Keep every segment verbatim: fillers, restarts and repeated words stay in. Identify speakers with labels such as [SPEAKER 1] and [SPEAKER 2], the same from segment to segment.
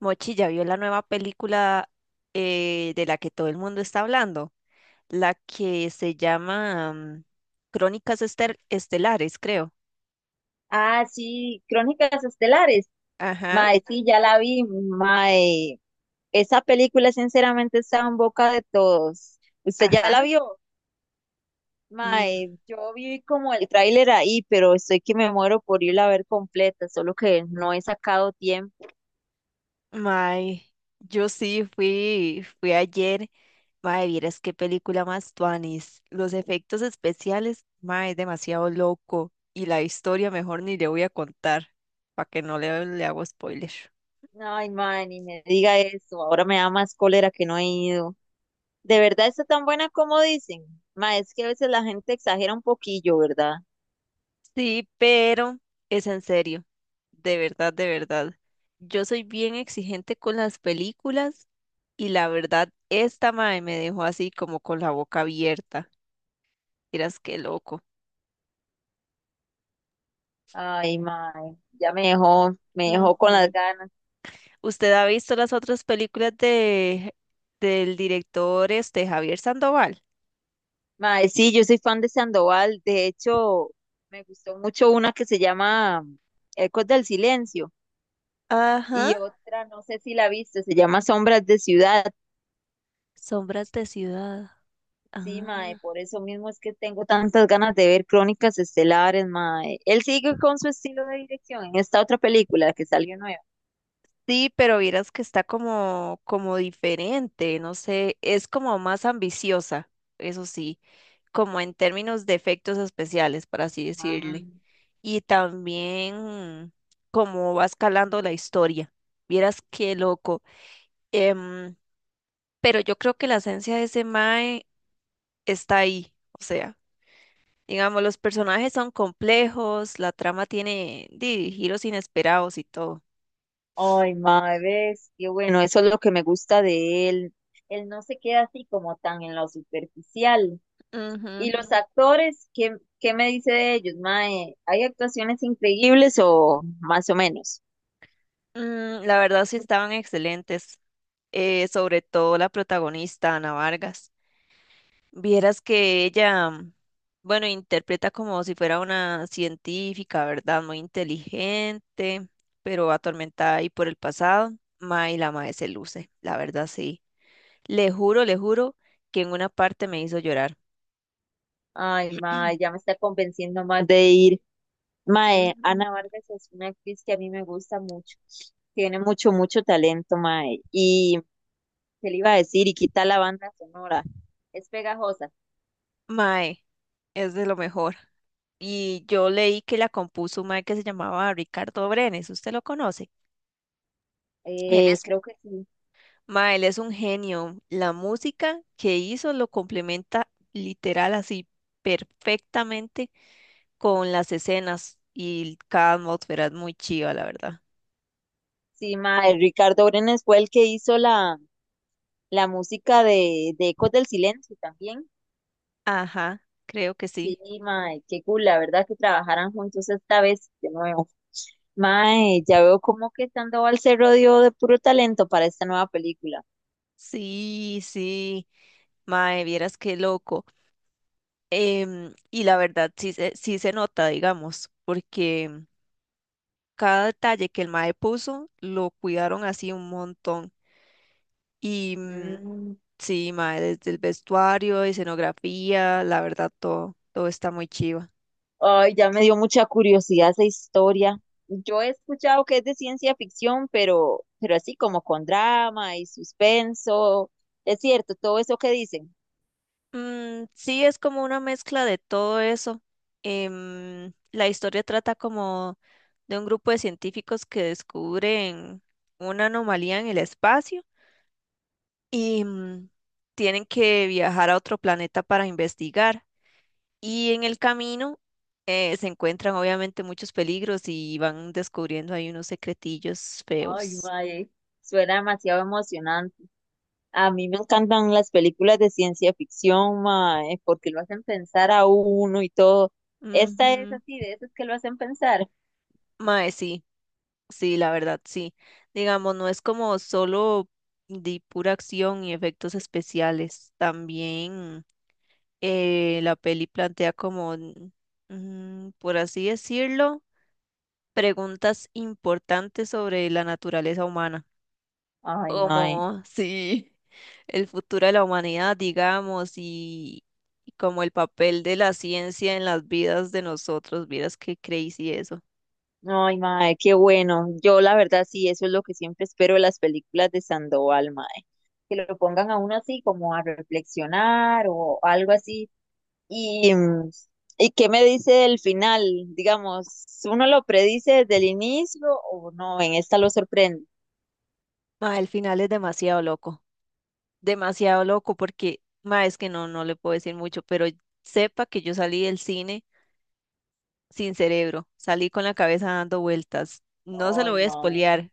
[SPEAKER 1] Mochi ya vio la nueva película eh, de la que todo el mundo está hablando, la que se llama mm, Crónicas Estel- Estelares, creo.
[SPEAKER 2] Ah, sí, Crónicas Estelares.
[SPEAKER 1] Ajá,
[SPEAKER 2] Mae, sí, ya la vi. Mae, esa película sinceramente está en boca de todos. ¿Usted ya la
[SPEAKER 1] ajá.
[SPEAKER 2] vio?
[SPEAKER 1] Mm,
[SPEAKER 2] Mae, yo vi como el tráiler ahí, pero estoy que me muero por irla a ver completa, solo que no he sacado tiempo.
[SPEAKER 1] mae, yo sí fui, fui ayer. Mae, vieras qué película más tuanis. Los efectos especiales, mae, es demasiado loco. Y la historia mejor ni le voy a contar, para que no le, le hago spoiler.
[SPEAKER 2] Ay, mae, ni me diga eso. Ahora me da más cólera que no he ido. ¿De verdad está tan buena como dicen? Mae, es que a veces la gente exagera un poquillo, ¿verdad?
[SPEAKER 1] Sí, pero es en serio, de verdad, de verdad. Yo soy bien exigente con las películas y la verdad, esta mae me dejó así como con la boca abierta. Miras qué loco.
[SPEAKER 2] Ay, mae, ya me dejó, me dejó con las
[SPEAKER 1] Ujú.
[SPEAKER 2] ganas.
[SPEAKER 1] ¿Usted ha visto las otras películas de del director este Javier Sandoval?
[SPEAKER 2] Mae, sí, yo soy fan de Sandoval. De hecho, me gustó mucho una que se llama Ecos del Silencio
[SPEAKER 1] Ajá,
[SPEAKER 2] y otra, no sé si la viste, se llama Sombras de Ciudad.
[SPEAKER 1] Sombras de Ciudad.
[SPEAKER 2] Sí, mae,
[SPEAKER 1] Ah.
[SPEAKER 2] por eso mismo es que tengo tantas ganas de ver Crónicas Estelares, mae. Él sigue con su estilo de dirección en esta otra película que salió nueva.
[SPEAKER 1] Sí, pero vieras que está como como diferente, no sé, es como más ambiciosa, eso sí. Como en términos de efectos especiales, por así
[SPEAKER 2] Mae.
[SPEAKER 1] decirle, y también cómo va escalando la historia. Vieras qué loco. Em, pero yo creo que la esencia de ese mae está ahí. O sea, digamos, los personajes son complejos, la trama tiene di, giros inesperados y todo.
[SPEAKER 2] Ay, mae, ves, qué bueno, eso es lo que me gusta de él. Él no se queda así como tan en lo superficial. ¿Y
[SPEAKER 1] Ujú.
[SPEAKER 2] los actores? ¿Qué, qué me dice de ellos, mae? ¿Hay actuaciones increíbles o más o menos?
[SPEAKER 1] Mm, la verdad sí estaban excelentes, eh, sobre todo la protagonista, Ana Vargas. Vieras que ella, mm, bueno, interpreta como si fuera una científica, ¿verdad? Muy inteligente, pero atormentada ahí por el pasado. Ma, la mae se luce, la verdad sí. Le juro, le juro que en una parte me hizo llorar.
[SPEAKER 2] Ay, mae, ya me está convenciendo más de ir. Mae,
[SPEAKER 1] Mm,
[SPEAKER 2] Ana Vargas es una actriz que a mí me gusta mucho. Tiene mucho, mucho talento, mae. Y, ¿qué le iba a decir? Y quita la banda sonora. Es pegajosa.
[SPEAKER 1] Mae, es de lo mejor. Y yo leí que la compuso un mae que se llamaba Ricardo Brenes, ¿usted lo conoce? Él
[SPEAKER 2] Eh,
[SPEAKER 1] es
[SPEAKER 2] creo que sí.
[SPEAKER 1] Ma, él es un genio. La música que hizo lo complementa literal así perfectamente con las escenas y cada atmósfera es muy chiva, la verdad.
[SPEAKER 2] Sí, mae. Ricardo Brenes fue el que hizo la, la música de, de Ecos del Silencio también.
[SPEAKER 1] Ajá, creo que
[SPEAKER 2] Sí,
[SPEAKER 1] sí.
[SPEAKER 2] mae, qué cool, la verdad que trabajaran juntos esta vez de nuevo. Mae, ya veo como que Sandoval se rodeó de puro talento para esta nueva película.
[SPEAKER 1] Sí, sí. Mae, vieras qué loco. Em, y la verdad sí, se- sí se nota, digamos, porque cada detalle que el mae puso lo cuidaron así un montón. Y mm,
[SPEAKER 2] Mm.
[SPEAKER 1] sí, mae, desde el vestuario, escenografía, la verdad, todo, todo está muy chiva.
[SPEAKER 2] Ay, ya me dio mucha curiosidad esa historia. Yo he escuchado que es de ciencia ficción, pero, pero así como con drama y suspenso. Es cierto, todo eso que dicen.
[SPEAKER 1] Mm, sí, es como una mezcla de todo eso. Em, la historia trata como de un grupo de científicos que descubren una anomalía en el espacio y mm, tienen que viajar a otro planeta para investigar. Y en el camino eh, se encuentran obviamente muchos peligros y van descubriendo ahí unos secretillos
[SPEAKER 2] Ay,
[SPEAKER 1] feos.
[SPEAKER 2] mae, suena demasiado emocionante. A mí me encantan las películas de ciencia ficción, mae, porque lo hacen pensar a uno y todo. Esta es
[SPEAKER 1] Ujú.
[SPEAKER 2] así, de esas que lo hacen pensar.
[SPEAKER 1] Mae, sí, sí, la verdad, sí. Digamos, no es como solo de pura acción y efectos especiales. También eh, la peli plantea como, n- mm, por así decirlo, preguntas importantes sobre la naturaleza humana,
[SPEAKER 2] Ay, mae.
[SPEAKER 1] como sí, el futuro de la humanidad, digamos, y, y como el papel de la ciencia en las vidas de nosotros. Vieras qué crazy eso.
[SPEAKER 2] Ay, mae, qué bueno. Yo, la verdad, sí, eso es lo que siempre espero de las películas de Sandoval, mae. Que lo pongan a uno así, como a reflexionar o algo así. Y, mm, ¿y qué me dice del final? Digamos, ¿uno lo predice desde el inicio o no? En esta lo sorprende.
[SPEAKER 1] Mae, el final es demasiado loco. Demasiado loco porque, ma, es que no, no le puedo decir mucho, pero sepa que yo salí del cine sin cerebro, salí con la cabeza dando vueltas. No se lo
[SPEAKER 2] Ay,
[SPEAKER 1] voy a
[SPEAKER 2] mae.
[SPEAKER 1] espolear,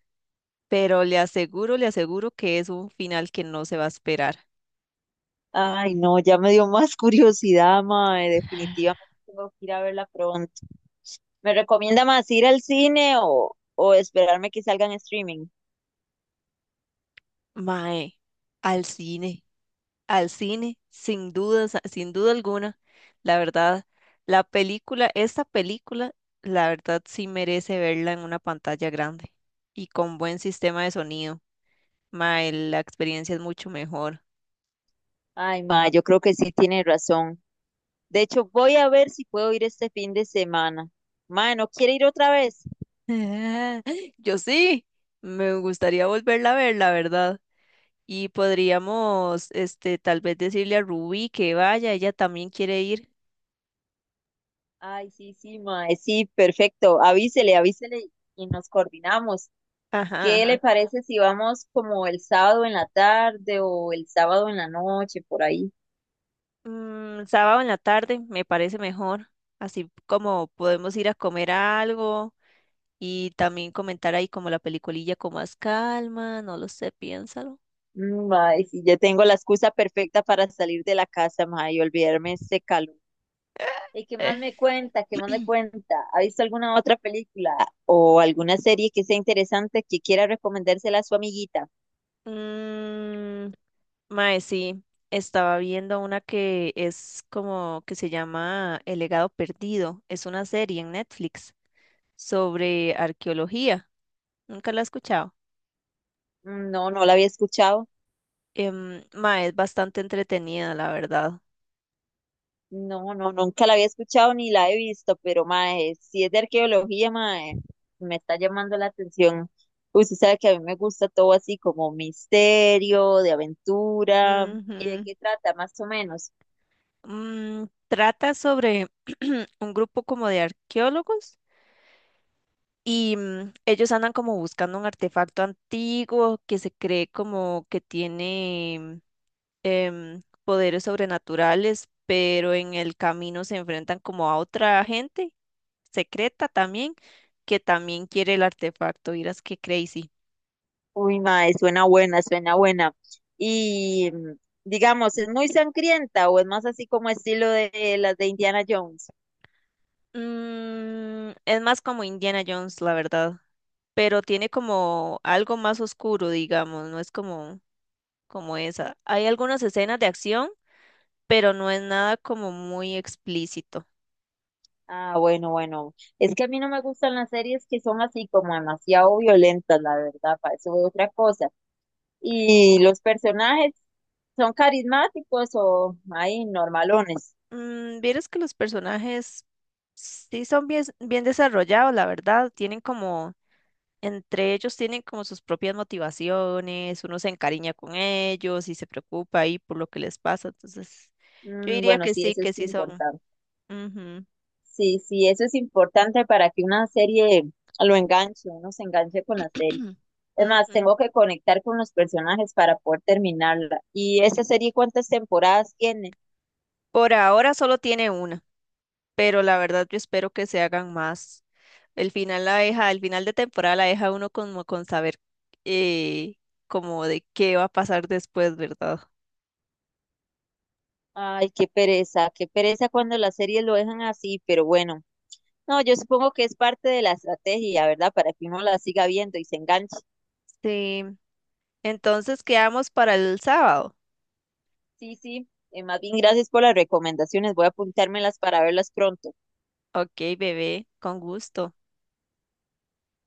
[SPEAKER 1] pero le aseguro, le aseguro que es un final que no se va a esperar.
[SPEAKER 2] Ay, no, ya me dio más curiosidad, mae. Definitivamente tengo que ir a verla pronto. ¿Me recomienda más ir al cine o, o esperarme que salga en streaming?
[SPEAKER 1] Mae, al cine, al cine, sin dudas, sin duda alguna. La verdad, la película, esta película, la verdad sí merece verla en una pantalla grande y con buen sistema de sonido. Mae, la experiencia es mucho mejor.
[SPEAKER 2] Ay, mae, yo creo que sí tiene razón. De hecho, voy a ver si puedo ir este fin de semana. Mae, ¿no quiere ir otra vez?
[SPEAKER 1] Yo sí, me gustaría volverla a ver, la verdad. Y podríamos, este, tal vez decirle a Ruby que vaya, ella también quiere ir.
[SPEAKER 2] Ay, sí, sí, mae, sí, perfecto. Avísele, avísele y nos coordinamos.
[SPEAKER 1] Ajá,
[SPEAKER 2] ¿Qué le
[SPEAKER 1] ajá.
[SPEAKER 2] parece si vamos como el sábado en la tarde o el sábado en la noche, por ahí?
[SPEAKER 1] Mm, sábado en la tarde me parece mejor, así como podemos ir a comer algo y también comentar ahí como la peliculilla con más calma, no lo sé, piénsalo.
[SPEAKER 2] Mm, ay sí, ya tengo la excusa perfecta para salir de la casa, ma y olvidarme de este calor. ¿Y qué más me cuenta? ¿Qué más me cuenta? ¿Ha visto alguna otra película o alguna serie que sea interesante que quiera recomendársela a su amiguita?
[SPEAKER 1] Mm, Mae, sí, estaba viendo una que es como que se llama El legado perdido. Es una serie en Netflix sobre arqueología. Nunca la he escuchado.
[SPEAKER 2] Mm. No, no la había escuchado.
[SPEAKER 1] Em, mae, es bastante entretenida, la verdad.
[SPEAKER 2] No, no, nunca la había escuchado ni la he visto, pero mae, si es de arqueología, mae, me está llamando la atención. Pues, usted sabe que a mí me gusta todo así como misterio, de aventura. ¿Y de
[SPEAKER 1] Ujú.
[SPEAKER 2] qué trata, más o menos?
[SPEAKER 1] Mm, trata sobre un grupo como de arqueólogos y mm, ellos andan como buscando un artefacto antiguo que se cree como que tiene em, poderes sobrenaturales, pero en el camino se enfrentan como a otra gente secreta también, que también quiere el artefacto. Miras qué crazy.
[SPEAKER 2] Uy, mae, suena buena, suena buena. Y mm, digamos, ¿es muy sangrienta o es más así como estilo de las de Indiana Jones?
[SPEAKER 1] Mm, es más como Indiana Jones, la verdad, pero tiene como algo más oscuro, digamos, no es como, como esa. Hay algunas escenas de acción, pero no es nada como muy explícito.
[SPEAKER 2] Ah, bueno, bueno. Es que a mí no me gustan las series que son así como demasiado violentas, la verdad, para eso es otra cosa. ¿Y los personajes son carismáticos o hay normalones?
[SPEAKER 1] Mm, vieras que los personajes sí son bien, bien desarrollados, la verdad, tienen como Entre ellos tienen como sus propias motivaciones, uno se encariña con ellos y se preocupa ahí por lo que les pasa. Entonces, yo
[SPEAKER 2] Mm,
[SPEAKER 1] diría
[SPEAKER 2] bueno,
[SPEAKER 1] que
[SPEAKER 2] sí,
[SPEAKER 1] sí,
[SPEAKER 2] eso
[SPEAKER 1] que
[SPEAKER 2] es
[SPEAKER 1] sí son.
[SPEAKER 2] importante.
[SPEAKER 1] Ujú.
[SPEAKER 2] Sí, sí, eso es importante para que una serie lo enganche, uno se enganche con la serie. Es más,
[SPEAKER 1] Ujú.
[SPEAKER 2] tengo que conectar con los personajes para poder terminarla. ¿Y esa serie cuántas temporadas tiene?
[SPEAKER 1] Por ahora solo tiene una, pero la verdad yo espero que se hagan más. El final la deja, el final de temporada la deja uno como con saber eh, como de qué va a pasar después, ¿verdad?
[SPEAKER 2] Ay, qué pereza, qué pereza cuando las series lo dejan así, pero bueno. No, yo supongo que es parte de la estrategia, ¿verdad? Para que uno la siga viendo y se enganche.
[SPEAKER 1] Sí. Entonces quedamos para el sábado.
[SPEAKER 2] Sí, sí. Eh, más bien, gracias por las recomendaciones. Voy a apuntármelas para verlas pronto.
[SPEAKER 1] Ok, bebé, con gusto.